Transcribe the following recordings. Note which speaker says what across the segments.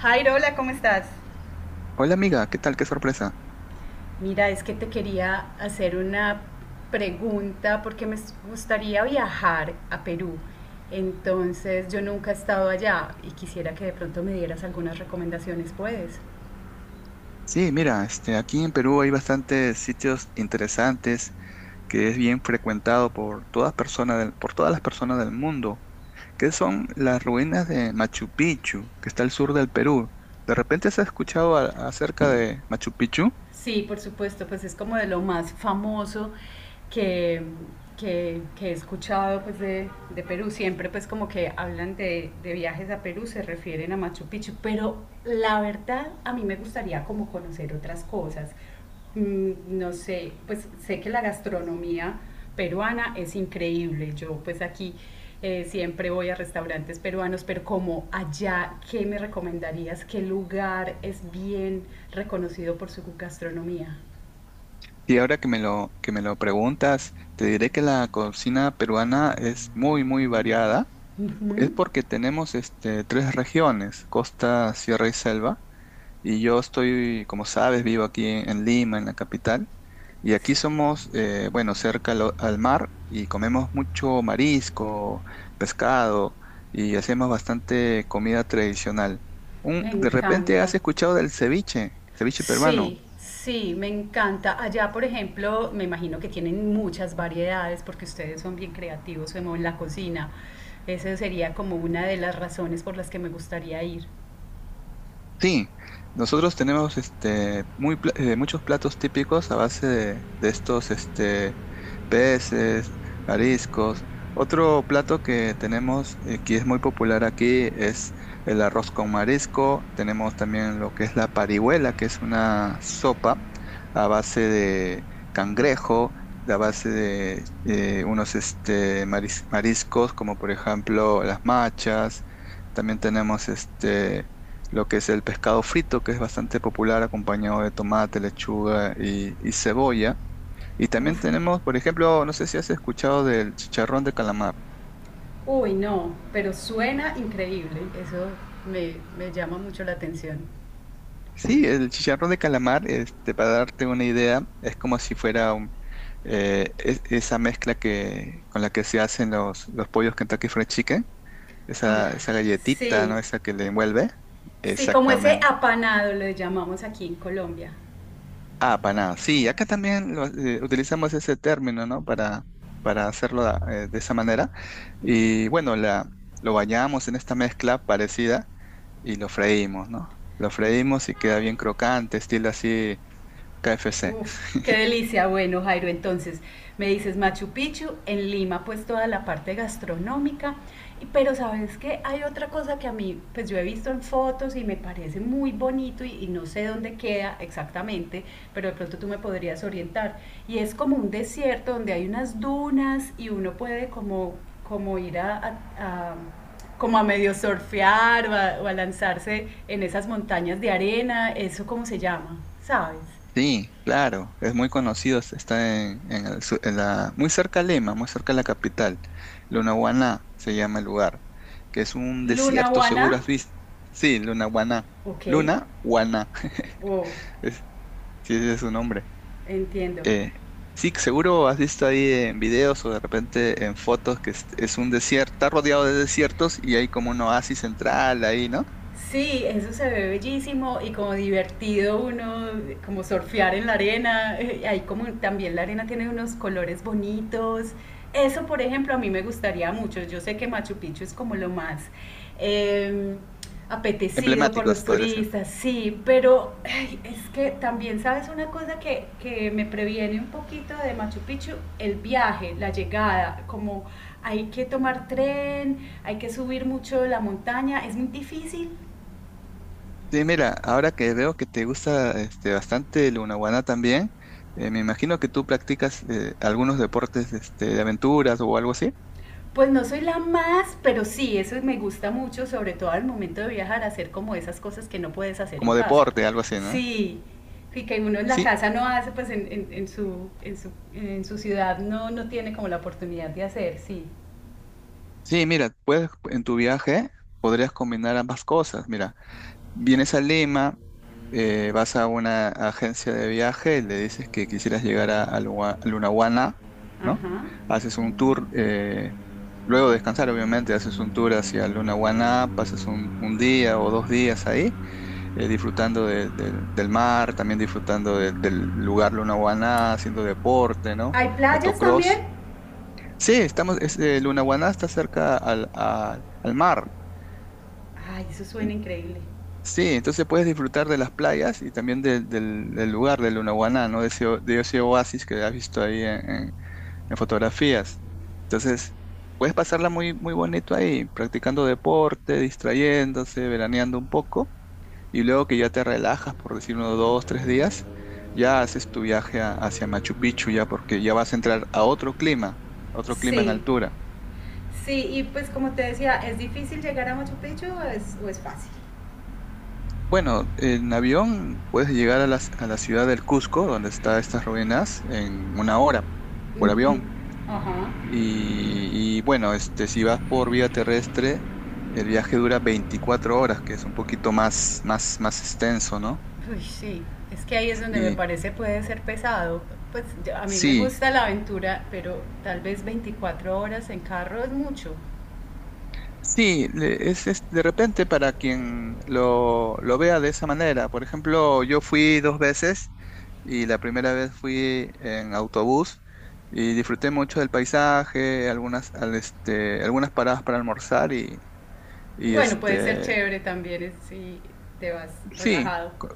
Speaker 1: Jairo, hola, ¿cómo estás?
Speaker 2: Hola amiga, ¿qué tal? Qué sorpresa.
Speaker 1: Mira, es que te quería hacer una pregunta porque me gustaría viajar a Perú. Entonces, yo nunca he estado allá y quisiera que de pronto me dieras algunas recomendaciones, ¿puedes?
Speaker 2: Sí, mira, aquí en Perú hay bastantes sitios interesantes que es bien frecuentado por todas las personas del mundo, que son las ruinas de Machu Picchu, que está al sur del Perú. ¿De repente has escuchado acerca de Machu Picchu?
Speaker 1: Sí, por supuesto. Pues es como de lo más famoso que, que he escuchado pues de Perú. Siempre pues como que hablan de viajes a Perú, se refieren a Machu Picchu, pero la verdad a mí me gustaría como conocer otras cosas. No sé, pues sé que la gastronomía peruana es increíble. Yo pues aquí siempre voy a restaurantes peruanos, pero como allá, ¿qué me recomendarías? ¿Qué lugar es bien reconocido por su gastronomía?
Speaker 2: Y ahora que me lo preguntas, te diré que la cocina peruana es muy, muy variada. Es
Speaker 1: Ujú,
Speaker 2: porque tenemos tres regiones, costa, sierra y selva. Y yo estoy, como sabes, vivo aquí en Lima, en la capital. Y aquí
Speaker 1: sí,
Speaker 2: somos, bueno, cerca al mar y comemos mucho marisco, pescado y hacemos bastante comida tradicional.
Speaker 1: me
Speaker 2: ¿De repente
Speaker 1: encanta.
Speaker 2: has escuchado del ceviche peruano?
Speaker 1: Sí, sí, me encanta. Allá, por ejemplo, me imagino que tienen muchas variedades porque ustedes son bien creativos como en la cocina. Esa sería como una de las razones por las que me gustaría ir.
Speaker 2: Sí, nosotros tenemos muchos platos típicos a base de estos peces, mariscos. Otro plato que tenemos que es muy popular aquí es el arroz con marisco. Tenemos también lo que es la parihuela, que es una sopa a base de cangrejo, a base de unos mariscos como por ejemplo las machas. También tenemos lo que es el pescado frito, que es bastante popular acompañado de tomate, lechuga y cebolla. Y también
Speaker 1: Uf.
Speaker 2: tenemos, por ejemplo, no sé si has escuchado del chicharrón de calamar.
Speaker 1: Uy, no, pero suena increíble. Eso me llama mucho la atención.
Speaker 2: Sí, el chicharrón de calamar, para darte una idea, es como si fuera esa mezcla con la que se hacen los pollos Kentucky Fried Chicken,
Speaker 1: Ah,
Speaker 2: esa galletita, ¿no?
Speaker 1: sí,
Speaker 2: Esa que le envuelve.
Speaker 1: sí, como ese
Speaker 2: Exactamente.
Speaker 1: apanado lo llamamos aquí en Colombia.
Speaker 2: Ah, paná. Sí, acá también utilizamos ese término, ¿no? Para hacerlo de esa manera. Y bueno, lo bañamos en esta mezcla parecida y lo freímos, ¿no? Lo freímos y queda bien crocante, estilo así KFC.
Speaker 1: Uf, qué delicia. Bueno, Jairo, entonces me dices Machu Picchu, en Lima pues toda la parte gastronómica, pero sabes que hay otra cosa que a mí pues yo he visto en fotos y me parece muy bonito y no sé dónde queda exactamente, pero de pronto tú me podrías orientar. Y es como un desierto donde hay unas dunas y uno puede como ir a como a medio surfear o a lanzarse en esas montañas de arena. Eso, ¿cómo se llama, sabes?
Speaker 2: Sí, claro, es muy conocido, está en el su- en la, muy cerca a Lima, muy cerca a la capital. Lunahuaná se llama el lugar, que es un desierto,
Speaker 1: Lunawana,
Speaker 2: seguro has visto. Sí, Lunahuaná.
Speaker 1: ok,
Speaker 2: Luna, Guaná.
Speaker 1: wow,
Speaker 2: Sí, ese es su nombre.
Speaker 1: entiendo.
Speaker 2: Eh, sí, seguro has visto ahí en videos o de repente en fotos que es un desierto, está rodeado de desiertos y hay como un oasis central ahí, ¿no?
Speaker 1: Sí, eso se ve bellísimo y como divertido uno, como surfear en la arena. Ahí como también la arena tiene unos colores bonitos. Eso, por ejemplo, a mí me gustaría mucho. Yo sé que Machu Picchu es como lo más eh, apetecido por
Speaker 2: Emblemáticos,
Speaker 1: los
Speaker 2: podría ser.
Speaker 1: turistas, sí, pero ay, es que también sabes una cosa que me previene un poquito de Machu Picchu, el viaje, la llegada. Como hay que tomar tren, hay que subir mucho la montaña, es muy difícil.
Speaker 2: Sí, mira, ahora que veo que te gusta bastante el Lunahuaná también, me imagino que tú practicas algunos deportes de aventuras o algo así,
Speaker 1: Pues no soy la más, pero sí, eso me gusta mucho, sobre todo al momento de viajar, hacer como esas cosas que no puedes hacer en
Speaker 2: como
Speaker 1: casa.
Speaker 2: deporte, algo así, ¿no?
Speaker 1: Sí, y que uno en la
Speaker 2: Sí,
Speaker 1: casa no hace, pues en su ciudad no, no tiene como la oportunidad de hacer, sí.
Speaker 2: sí, mira, puedes en tu viaje podrías combinar ambas cosas, mira. Vienes a Lima, vas a una agencia de viaje, le dices que quisieras llegar a Lunahuana, ¿no?
Speaker 1: Ajá.
Speaker 2: Haces un tour, luego de descansar, obviamente, haces un tour hacia Lunahuana, pasas un día o dos días ahí, disfrutando del mar, también disfrutando del lugar Lunahuana, haciendo deporte, ¿no?
Speaker 1: ¿Hay playas
Speaker 2: Motocross.
Speaker 1: también?
Speaker 2: Sí, Lunahuaná está cerca al mar.
Speaker 1: Ay, eso suena increíble.
Speaker 2: Sí, entonces puedes disfrutar de las playas y también del lugar, de Lunahuaná, ¿no? De ese oasis que has visto ahí en fotografías. Entonces, puedes pasarla muy, muy bonito ahí, practicando deporte, distrayéndose, veraneando un poco, y luego que ya te relajas, por decir unos dos, tres días, ya haces tu viaje hacia Machu Picchu, ya porque ya vas a entrar a otro clima en
Speaker 1: Sí,
Speaker 2: altura.
Speaker 1: sí, y pues como te decía, ¿es difícil llegar a Machu Picchu o es fácil?
Speaker 2: Bueno, en avión puedes llegar a la ciudad del Cusco, donde están estas ruinas, en una hora por
Speaker 1: Ujú.
Speaker 2: avión.
Speaker 1: Ajá.
Speaker 2: Y bueno, si vas por vía terrestre, el viaje dura 24 horas, que es un poquito más, más, más extenso, ¿no?
Speaker 1: Uy, sí, es que ahí es donde me
Speaker 2: Y
Speaker 1: parece puede ser pesado. Pues a mí me
Speaker 2: sí,
Speaker 1: gusta la aventura, pero tal vez 24 horas en carro es mucho.
Speaker 2: sí, es de repente para quien lo vea de esa manera. Por ejemplo, yo fui dos veces y la primera vez fui en autobús y disfruté mucho del paisaje, algunas paradas para almorzar y
Speaker 1: Bueno, puede ser chévere también, si te vas
Speaker 2: sí,
Speaker 1: relajado.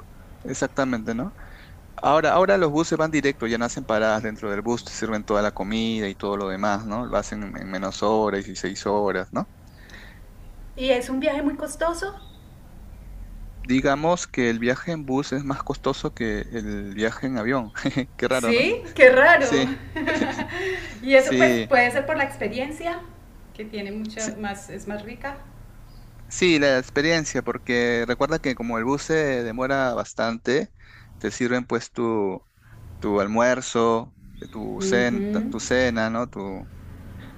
Speaker 2: exactamente, ¿no? Ahora los buses van directo, ya no hacen paradas dentro del bus, te sirven toda la comida y todo lo demás, ¿no? Lo hacen en menos horas, 16 horas, ¿no?
Speaker 1: ¿Y es un viaje muy costoso?
Speaker 2: Digamos que el viaje en bus es más costoso que el viaje en avión. Qué raro, ¿no?
Speaker 1: Sí, qué raro.
Speaker 2: Sí,
Speaker 1: Y eso pues
Speaker 2: sí,
Speaker 1: puede ser por la experiencia, que tiene mucha
Speaker 2: sí,
Speaker 1: más, es más rica.
Speaker 2: sí, la experiencia, porque recuerda que como el bus se demora bastante, te sirven pues tu almuerzo, tu cen-
Speaker 1: Ujú.
Speaker 2: tu cena, ¿no? Tu,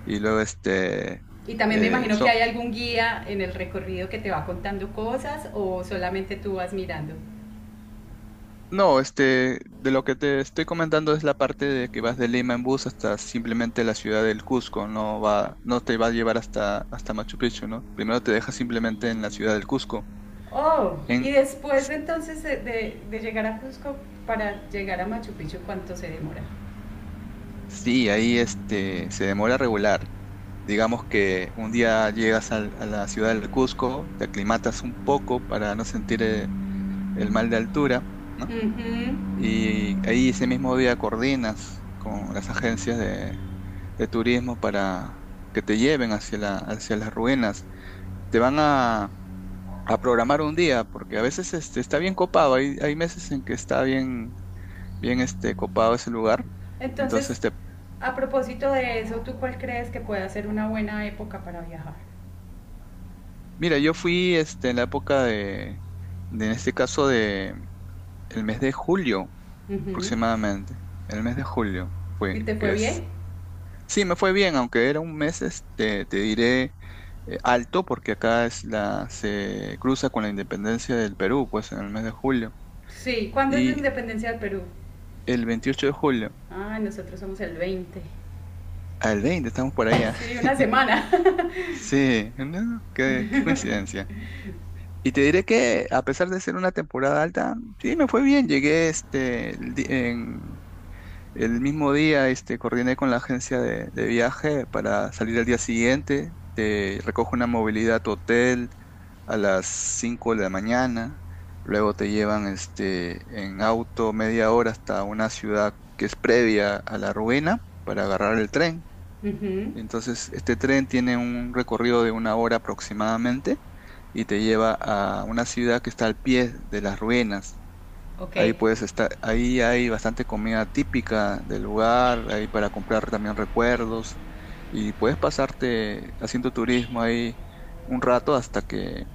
Speaker 2: y luego este,
Speaker 1: Y también me imagino que
Speaker 2: son,
Speaker 1: hay algún guía en el recorrido que te va contando cosas o solamente tú vas mirando.
Speaker 2: No, de lo que te estoy comentando es la parte de que vas de Lima en bus hasta simplemente la ciudad del Cusco, no te va a llevar hasta Machu Picchu, ¿no? Primero te deja simplemente en la ciudad del Cusco.
Speaker 1: Oh, y
Speaker 2: En,
Speaker 1: después
Speaker 2: s-
Speaker 1: entonces de llegar a Cusco para llegar a Machu Picchu, ¿cuánto se demora?
Speaker 2: sí, ahí se demora regular. Digamos que un día llegas a la ciudad del Cusco, te aclimatas un poco para no sentir el mal de altura, ¿no?
Speaker 1: Ujú.
Speaker 2: Y ahí ese mismo día coordinas con las agencias de turismo para que te lleven hacia las ruinas. Te van a programar un día, porque a veces está bien copado. Hay meses en que está bien, bien copado ese lugar.
Speaker 1: Entonces,
Speaker 2: Entonces,
Speaker 1: a propósito de eso, ¿tú cuál crees que puede ser una buena época para viajar?
Speaker 2: mira, yo fui en la época de, en este caso, de el mes de julio
Speaker 1: Ujú.
Speaker 2: aproximadamente. El mes de julio fue,
Speaker 1: ¿Y te fue
Speaker 2: que
Speaker 1: bien?
Speaker 2: es sí, me fue bien, aunque era un mes, te diré alto, porque acá es se cruza con la independencia del Perú, pues en el mes de julio.
Speaker 1: Sí, ¿cuándo es la
Speaker 2: Y
Speaker 1: independencia del Perú?
Speaker 2: el 28 de julio,
Speaker 1: Ah, nosotros somos el 20.
Speaker 2: al 20, estamos por allá.
Speaker 1: Sí, una semana.
Speaker 2: Sí, ¿no? Qué coincidencia. Y te diré que a pesar de ser una temporada alta, sí, me fue bien. Llegué El mismo día, coordiné con la agencia de viaje para salir al día siguiente. Te recojo una movilidad a tu hotel a las 5 de la mañana. Luego te llevan, en auto media hora hasta una ciudad que es previa a la ruina para agarrar el tren.
Speaker 1: Ujú.
Speaker 2: Entonces, este tren tiene un recorrido de una hora aproximadamente y te lleva a una ciudad que está al pie de las ruinas.
Speaker 1: Ok.
Speaker 2: Ahí puedes estar, ahí hay bastante comida típica del lugar, ahí para comprar también recuerdos y puedes pasarte haciendo turismo ahí un rato hasta que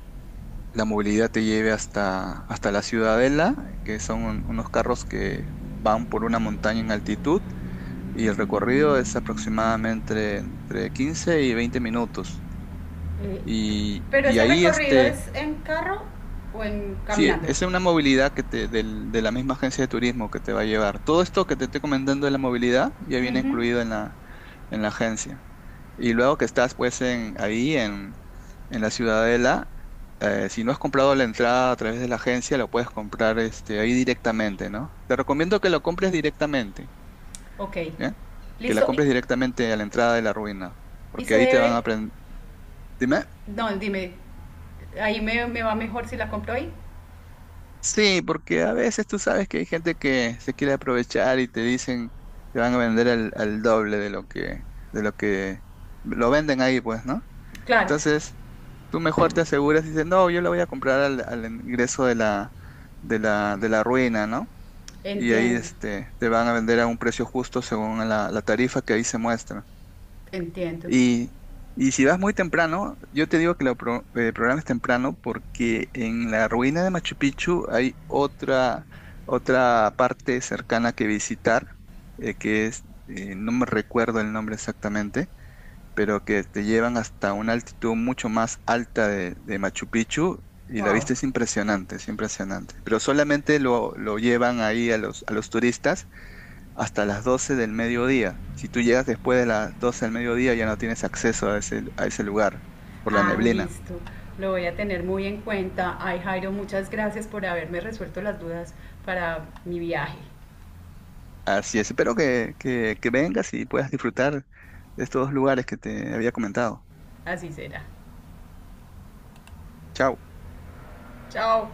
Speaker 2: la movilidad te lleve hasta la Ciudadela, que son unos carros que van por una montaña en altitud y el recorrido es aproximadamente entre 15 y 20 minutos. Y,
Speaker 1: Pero
Speaker 2: y
Speaker 1: ese
Speaker 2: ahí
Speaker 1: recorrido,
Speaker 2: este...
Speaker 1: ¿es en carro o en
Speaker 2: Sí,
Speaker 1: caminando?
Speaker 2: esa es una movilidad que de la misma agencia de turismo que te va a llevar. Todo esto que te estoy comentando de la movilidad ya viene
Speaker 1: Ujú.
Speaker 2: incluido en la agencia. Y luego que estás pues en la Ciudadela, si no has comprado la entrada a través de la agencia, lo puedes comprar ahí directamente, ¿no? Te recomiendo que lo compres directamente,
Speaker 1: Ok,
Speaker 2: ¿ya? Que la
Speaker 1: listo.
Speaker 2: compres directamente a la entrada de la ruina,
Speaker 1: Y
Speaker 2: porque
Speaker 1: se
Speaker 2: ahí te van a
Speaker 1: debe,
Speaker 2: aprender.
Speaker 1: no, dime, ahí me va mejor si la compro ahí.
Speaker 2: Sí, porque a veces tú sabes que hay gente que se quiere aprovechar y te dicen, te van a vender al doble de lo que lo venden ahí, pues, ¿no?
Speaker 1: Claro.
Speaker 2: Entonces, tú mejor te aseguras y dices, no, yo le voy a comprar al ingreso de la ruina, ¿no? Y ahí
Speaker 1: Entiendo,
Speaker 2: te van a vender a un precio justo según la tarifa que ahí se muestra.
Speaker 1: entiendo.
Speaker 2: Y, y si vas muy temprano, yo te digo que lo programes temprano porque en la ruina de Machu Picchu hay otra parte cercana que visitar, no me recuerdo el nombre exactamente, pero que te llevan hasta una altitud mucho más alta de Machu Picchu y la
Speaker 1: Wow.
Speaker 2: vista es impresionante, es impresionante. Pero solamente lo llevan ahí a los turistas hasta las 12 del mediodía. Si tú llegas después de las 12 del mediodía, ya no tienes acceso a ese lugar por la
Speaker 1: Ah,
Speaker 2: neblina.
Speaker 1: listo. Lo voy a tener muy en cuenta. Ay, Jairo, muchas gracias por haberme resuelto las dudas para mi viaje.
Speaker 2: Así es, espero que vengas y puedas disfrutar de estos dos lugares que te había comentado.
Speaker 1: Así será.
Speaker 2: Chao.
Speaker 1: Chao.